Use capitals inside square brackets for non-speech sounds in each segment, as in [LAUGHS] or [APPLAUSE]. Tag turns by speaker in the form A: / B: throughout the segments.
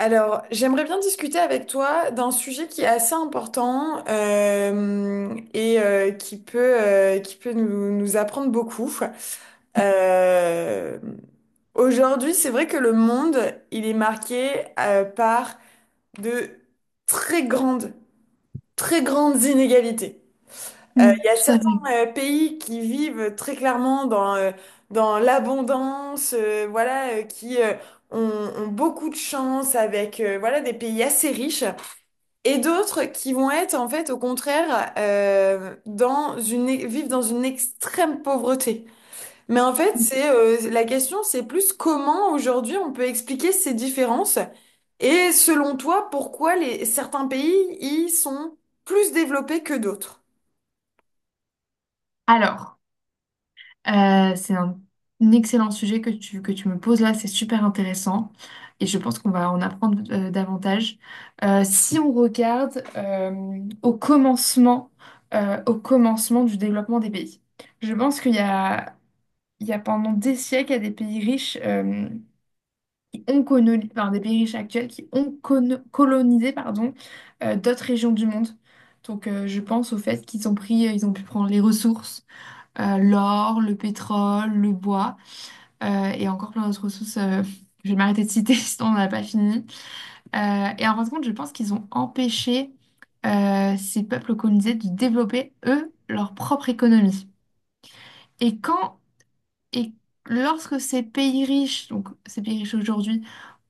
A: Alors, j'aimerais bien discuter avec toi d'un sujet qui est assez important qui peut nous apprendre beaucoup. Euh, Aujourd'hui, c'est vrai que le monde, il est marqué par de très grandes, très grandes inégalités.
B: Mm,
A: Il y a
B: tout à
A: certains
B: fait.
A: pays qui vivent très clairement dans l'abondance, qui ont, ont beaucoup de chance avec des pays assez riches, et d'autres qui vont être en fait au contraire vivent dans une extrême pauvreté. Mais en fait,
B: Mm.
A: c'est la question, c'est plus comment aujourd'hui on peut expliquer ces différences. Et selon toi, pourquoi certains pays y sont plus développés que d'autres?
B: Alors, c'est un excellent sujet que tu me poses là, c'est super intéressant et je pense qu'on va en apprendre davantage. Si on regarde au commencement du développement des pays, je pense qu'il y a pendant des siècles, il y a des pays riches qui ont colonisé, enfin, des pays riches actuels qui ont colonisé pardon, d'autres régions du monde. Donc, je pense au fait ils ont pu prendre les ressources, l'or, le pétrole, le bois et encore plein d'autres ressources. Je vais m'arrêter de citer, [LAUGHS] sinon on n'a pas fini. Et en fin de compte, je pense qu'ils ont empêché ces peuples colonisés de développer, eux, leur propre économie. Et quand et lorsque ces pays riches, donc ces pays riches aujourd'hui,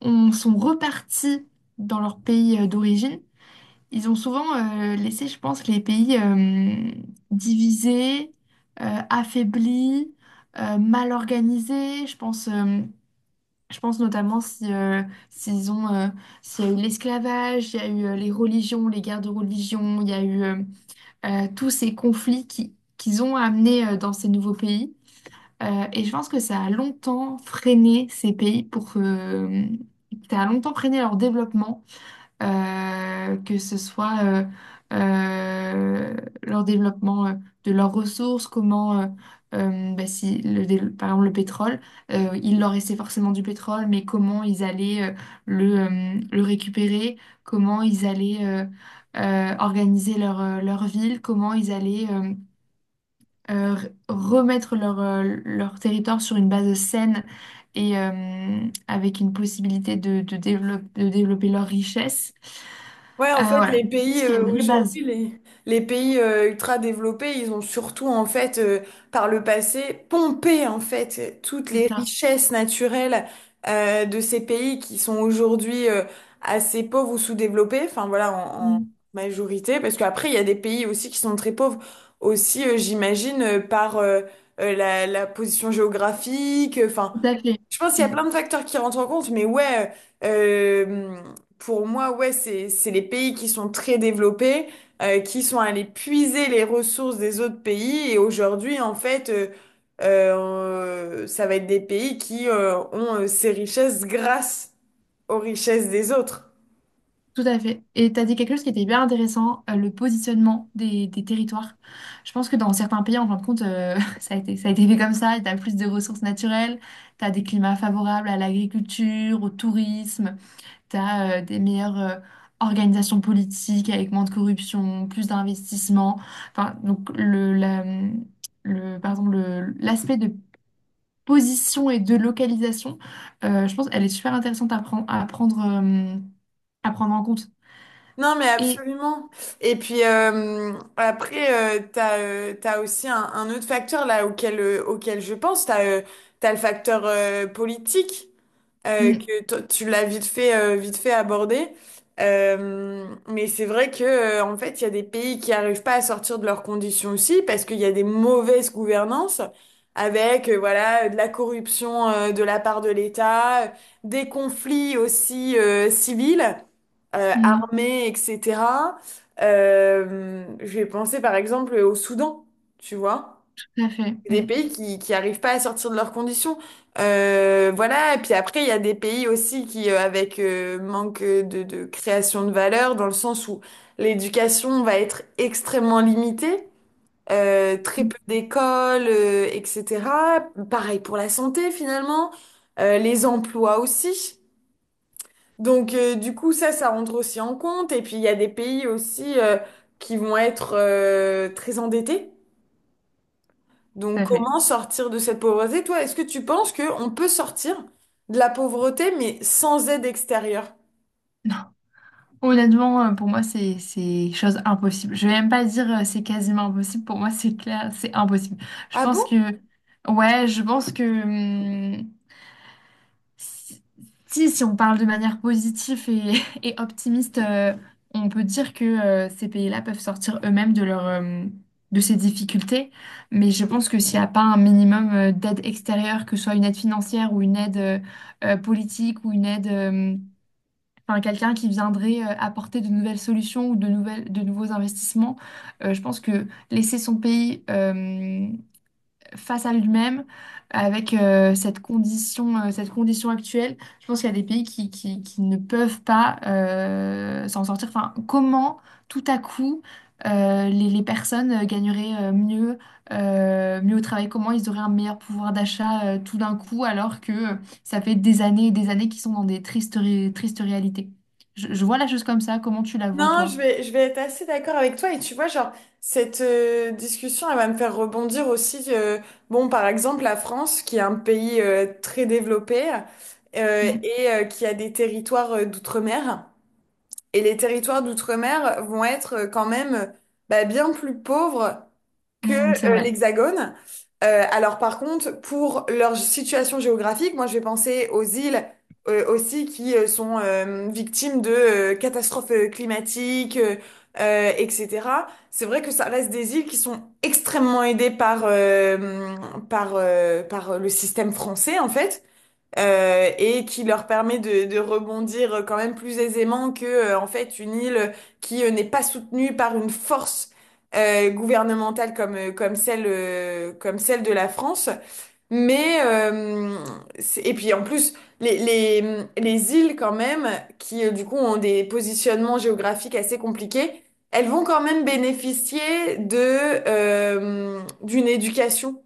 B: sont repartis dans leur pays d'origine. Ils ont souvent laissé, je pense, les pays divisés, affaiblis, mal organisés. Je pense, je pense notamment si, s'ils ont, s'il y a eu l'esclavage, il y a eu les religions, les guerres de religion, il y a eu tous ces conflits qu'ils ont amenés dans ces nouveaux pays. Et je pense que ça a longtemps freiné ces pays ça a longtemps freiné leur développement, que ce soit euh, leur développement de leurs ressources, bah, si le, dé- par exemple le pétrole, il leur restait forcément du pétrole, mais comment ils allaient le récupérer, comment ils allaient organiser leur ville, comment ils allaient remettre leur territoire sur une base saine et avec une possibilité de de développer leur richesse.
A: Ouais, en
B: Ah,
A: fait,
B: voilà, je pense qu'il y a une vraie base,
A: les pays ultra développés, ils ont surtout en fait, par le passé, pompé en fait toutes
B: c'est
A: les
B: ça.
A: richesses naturelles de ces pays qui sont aujourd'hui assez pauvres ou sous-développés. Enfin voilà, en
B: Mm.
A: majorité, parce qu'après il y a des pays aussi qui sont très pauvres aussi, j'imagine, par la position géographique. Enfin,
B: Tout à fait.
A: je pense qu'il y a
B: Mm.
A: plein de facteurs qui rentrent en compte, mais ouais, euh, pour moi, ouais, c'est les pays qui sont très développés, qui sont allés puiser les ressources des autres pays. Et aujourd'hui, en fait, ça va être des pays qui ont ces richesses grâce aux richesses des autres.
B: Tout à fait. Et tu as dit quelque chose qui était hyper intéressant, le positionnement des territoires. Je pense que dans certains pays, en fin de compte, [LAUGHS] ça a été fait comme ça. Tu as plus de ressources naturelles, tu as des climats favorables à l'agriculture, au tourisme, tu as des meilleures organisations politiques avec moins de corruption, plus d'investissement. Enfin, donc, par exemple, l'aspect de position et de localisation, je pense qu'elle est super intéressante à prendre en compte.
A: Non, mais
B: Et
A: absolument. Et puis après, t'as aussi un autre facteur là auquel je pense. T'as le facteur politique, euh,
B: mm,
A: que to- tu l'as vite fait aborder. Mais c'est vrai que, en fait, il y a des pays qui n'arrivent pas à sortir de leurs conditions aussi parce qu'il y a des mauvaises gouvernances avec, voilà, de la corruption, de la part de l'État, des conflits aussi, civils,
B: mm,
A: armés, etc. Je vais penser par exemple au Soudan, tu vois,
B: tout à fait,
A: des
B: mm,
A: pays qui arrivent pas à sortir de leurs conditions. Voilà, et puis après, il y a des pays aussi qui, avec manque de création de valeur, dans le sens où l'éducation va être extrêmement limitée, très
B: mm,
A: peu d'écoles, etc. Pareil pour la santé, finalement. Les emplois aussi. Donc, du coup, ça rentre aussi en compte. Et puis, il y a des pays aussi qui vont être très endettés.
B: tout
A: Donc,
B: à fait.
A: comment sortir de cette pauvreté? Toi, est-ce que tu penses qu'on peut sortir de la pauvreté, mais sans aide extérieure?
B: Non. Honnêtement, pour moi, c'est chose impossible. Je vais même pas dire c'est quasiment impossible. Pour moi, c'est clair, c'est impossible. Je
A: Ah
B: pense que
A: bon?
B: ouais, je pense que Si, si on parle de manière positive et, [LAUGHS] et optimiste, on peut dire que ces pays-là peuvent sortir eux-mêmes de de ces difficultés. Mais je pense que s'il n'y a pas un minimum d'aide extérieure, que ce soit une aide financière ou une aide politique ou une aide, enfin quelqu'un qui viendrait apporter de nouvelles solutions ou de de nouveaux investissements, je pense que laisser son pays face à lui-même avec cette condition actuelle. Je pense qu'il y a des pays qui ne peuvent pas s'en sortir. Enfin, comment tout à coup les personnes gagneraient mieux au travail? Comment ils auraient un meilleur pouvoir d'achat tout d'un coup alors que ça fait des années et des années qu'ils sont dans des tristes réalités? Je vois la chose comme ça. Comment tu la vois,
A: Non,
B: toi?
A: je vais être assez d'accord avec toi. Et tu vois, genre, cette discussion, elle va me faire rebondir aussi. Bon, par exemple, la France, qui est un pays très développé
B: Mm.
A: qui a des territoires d'outre-mer. Et les territoires d'outre-mer vont être quand même, bah, bien plus pauvres que
B: Mm, c'est vrai.
A: l'Hexagone. Alors par contre, pour leur situation géographique, moi je vais penser aux îles aussi qui sont victimes de catastrophes climatiques, etc. C'est vrai que ça reste des îles qui sont extrêmement aidées par le système français en fait, et qui leur permet de rebondir quand même plus aisément que en fait une île qui n'est pas soutenue par une force gouvernementale comme celle de la France. Mais et puis en plus les îles quand même qui du coup ont des positionnements géographiques assez compliqués. Elles vont quand même bénéficier de d'une éducation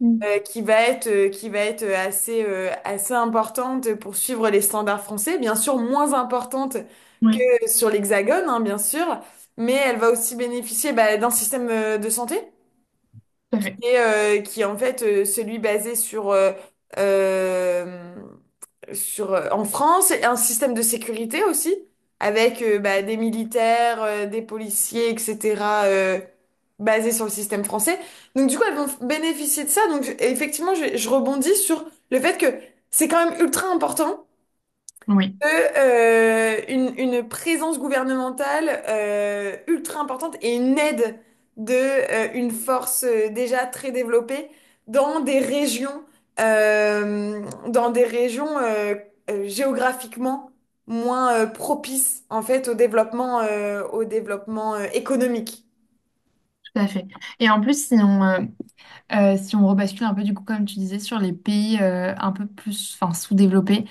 B: Mm.
A: qui va être assez importante pour suivre les standards français, bien sûr moins importante
B: Oui,
A: que sur l'Hexagone, hein, bien sûr, mais elle va aussi bénéficier bah, d'un système de santé.
B: tout à fait.
A: Et qui est en fait celui basé euh, sur en France, et un système de sécurité aussi, avec bah, des militaires, des policiers, etc., euh, basé sur le système français. Donc du coup, elles vont bénéficier de ça. Donc effectivement, je rebondis sur le fait que c'est quand même ultra important
B: Oui,
A: de, une présence gouvernementale ultra importante et une aide de une force déjà très développée dans des régions, euh, dans des régions euh, géographiquement moins propices en fait au développement économique.
B: tout à fait. Et en plus, si on rebascule un peu, du coup, comme tu disais, sur les pays un peu plus enfin, sous-développés,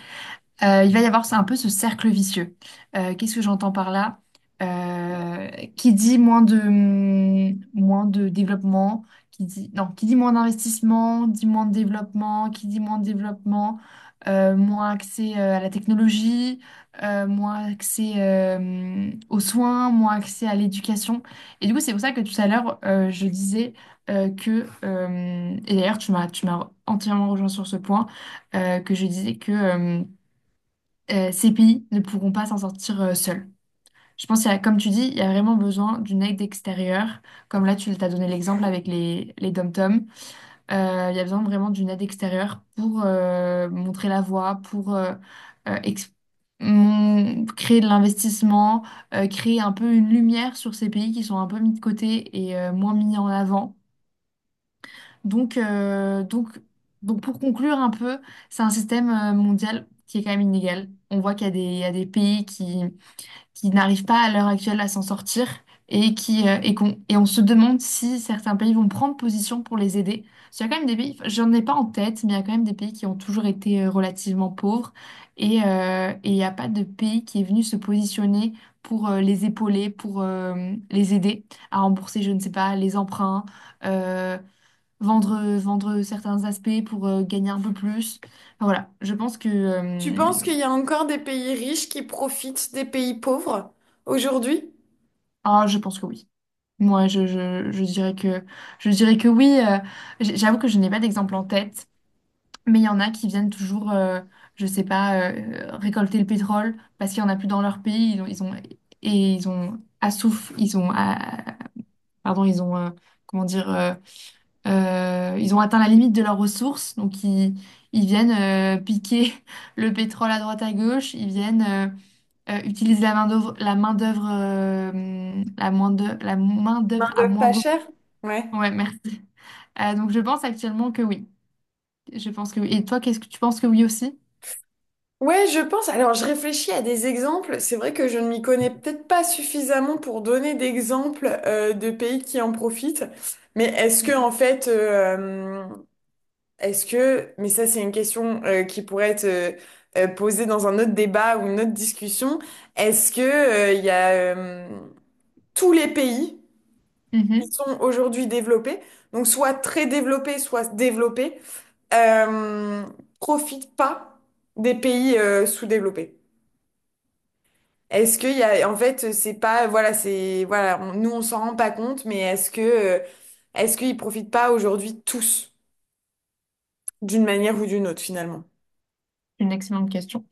B: il va y avoir un peu ce cercle vicieux. Qu'est-ce que j'entends par là? Euh, qui dit moins de développement, qui dit, non, qui dit moins d'investissement, dit moins de développement, qui dit moins de développement, moins accès à la technologie, moins accès aux soins, moins accès à l'éducation. Et du coup, c'est pour ça que tout à l'heure, je disais et d'ailleurs, tu m'as entièrement rejoint sur ce point, que je disais que... ces pays ne pourront pas s'en sortir seuls. Je pense, comme tu dis, il y a vraiment besoin d'une aide extérieure. Comme là, tu t'as donné l'exemple avec les dom-toms. Il y a besoin vraiment d'une aide extérieure pour montrer la voie, pour euh, ex- créer de l'investissement, créer un peu une lumière sur ces pays qui sont un peu mis de côté et moins mis en avant. Donc, euh, donc, donc, pour conclure un peu, c'est un système mondial qui est quand même inégal. On voit qu'il y a il y a des pays qui n'arrivent pas à l'heure actuelle à s'en sortir et qui et qu'on et on se demande si certains pays vont prendre position pour les aider. Parce qu'il y a quand même des pays, enfin, j'en ai pas en tête, mais il y a quand même des pays qui ont toujours été relativement pauvres et il n'y a pas de pays qui est venu se positionner pour les épauler, pour les aider à rembourser, je ne sais pas, les emprunts, euh, vendre certains aspects pour gagner un peu plus. Enfin, voilà, je pense que
A: Tu penses qu'il y a encore des pays riches qui profitent des pays pauvres aujourd'hui?
B: ah, je pense que oui. Moi, je dirais je dirais que oui. J'avoue que je n'ai pas d'exemple en tête, mais il y en a qui viennent toujours, je sais pas, récolter le pétrole parce qu'il n'y en a plus dans leur pays. Ils ont- et ils ont assouf, ils ont, ah, pardon, ils ont, comment dire, Ils ont atteint la limite de leurs ressources. Donc, ils viennent piquer [LAUGHS] le pétrole à droite à gauche. Ils viennent utiliser la main d'œuvre, la main d'œuvre, la main d'œuvre, la main d'œuvre à
A: Main-d'œuvre pas
B: moindre.
A: chère? Ouais.
B: Ouais, merci. Donc je pense actuellement que oui. Je pense que oui. Et toi, qu'est-ce que tu penses que oui aussi?
A: Ouais, je pense. Alors, je réfléchis à des exemples. C'est vrai que je ne m'y connais peut-être pas suffisamment pour donner d'exemples de pays qui en profitent. Mais est-ce que, en fait, est-ce que, mais ça, c'est une question qui pourrait être posée dans un autre débat ou une autre discussion. Est-ce que il y a tous les pays qui
B: Mhm.
A: sont aujourd'hui développés, donc soit très développés, soit développés, euh, profitent pas des pays sous-développés? Est-ce qu'il y a, en fait, c'est pas, voilà, c'est, voilà, nous on s'en rend pas compte, mais est-ce que, est-ce qu'ils profitent pas aujourd'hui tous, d'une manière ou d'une autre finalement?
B: C'est une excellente question.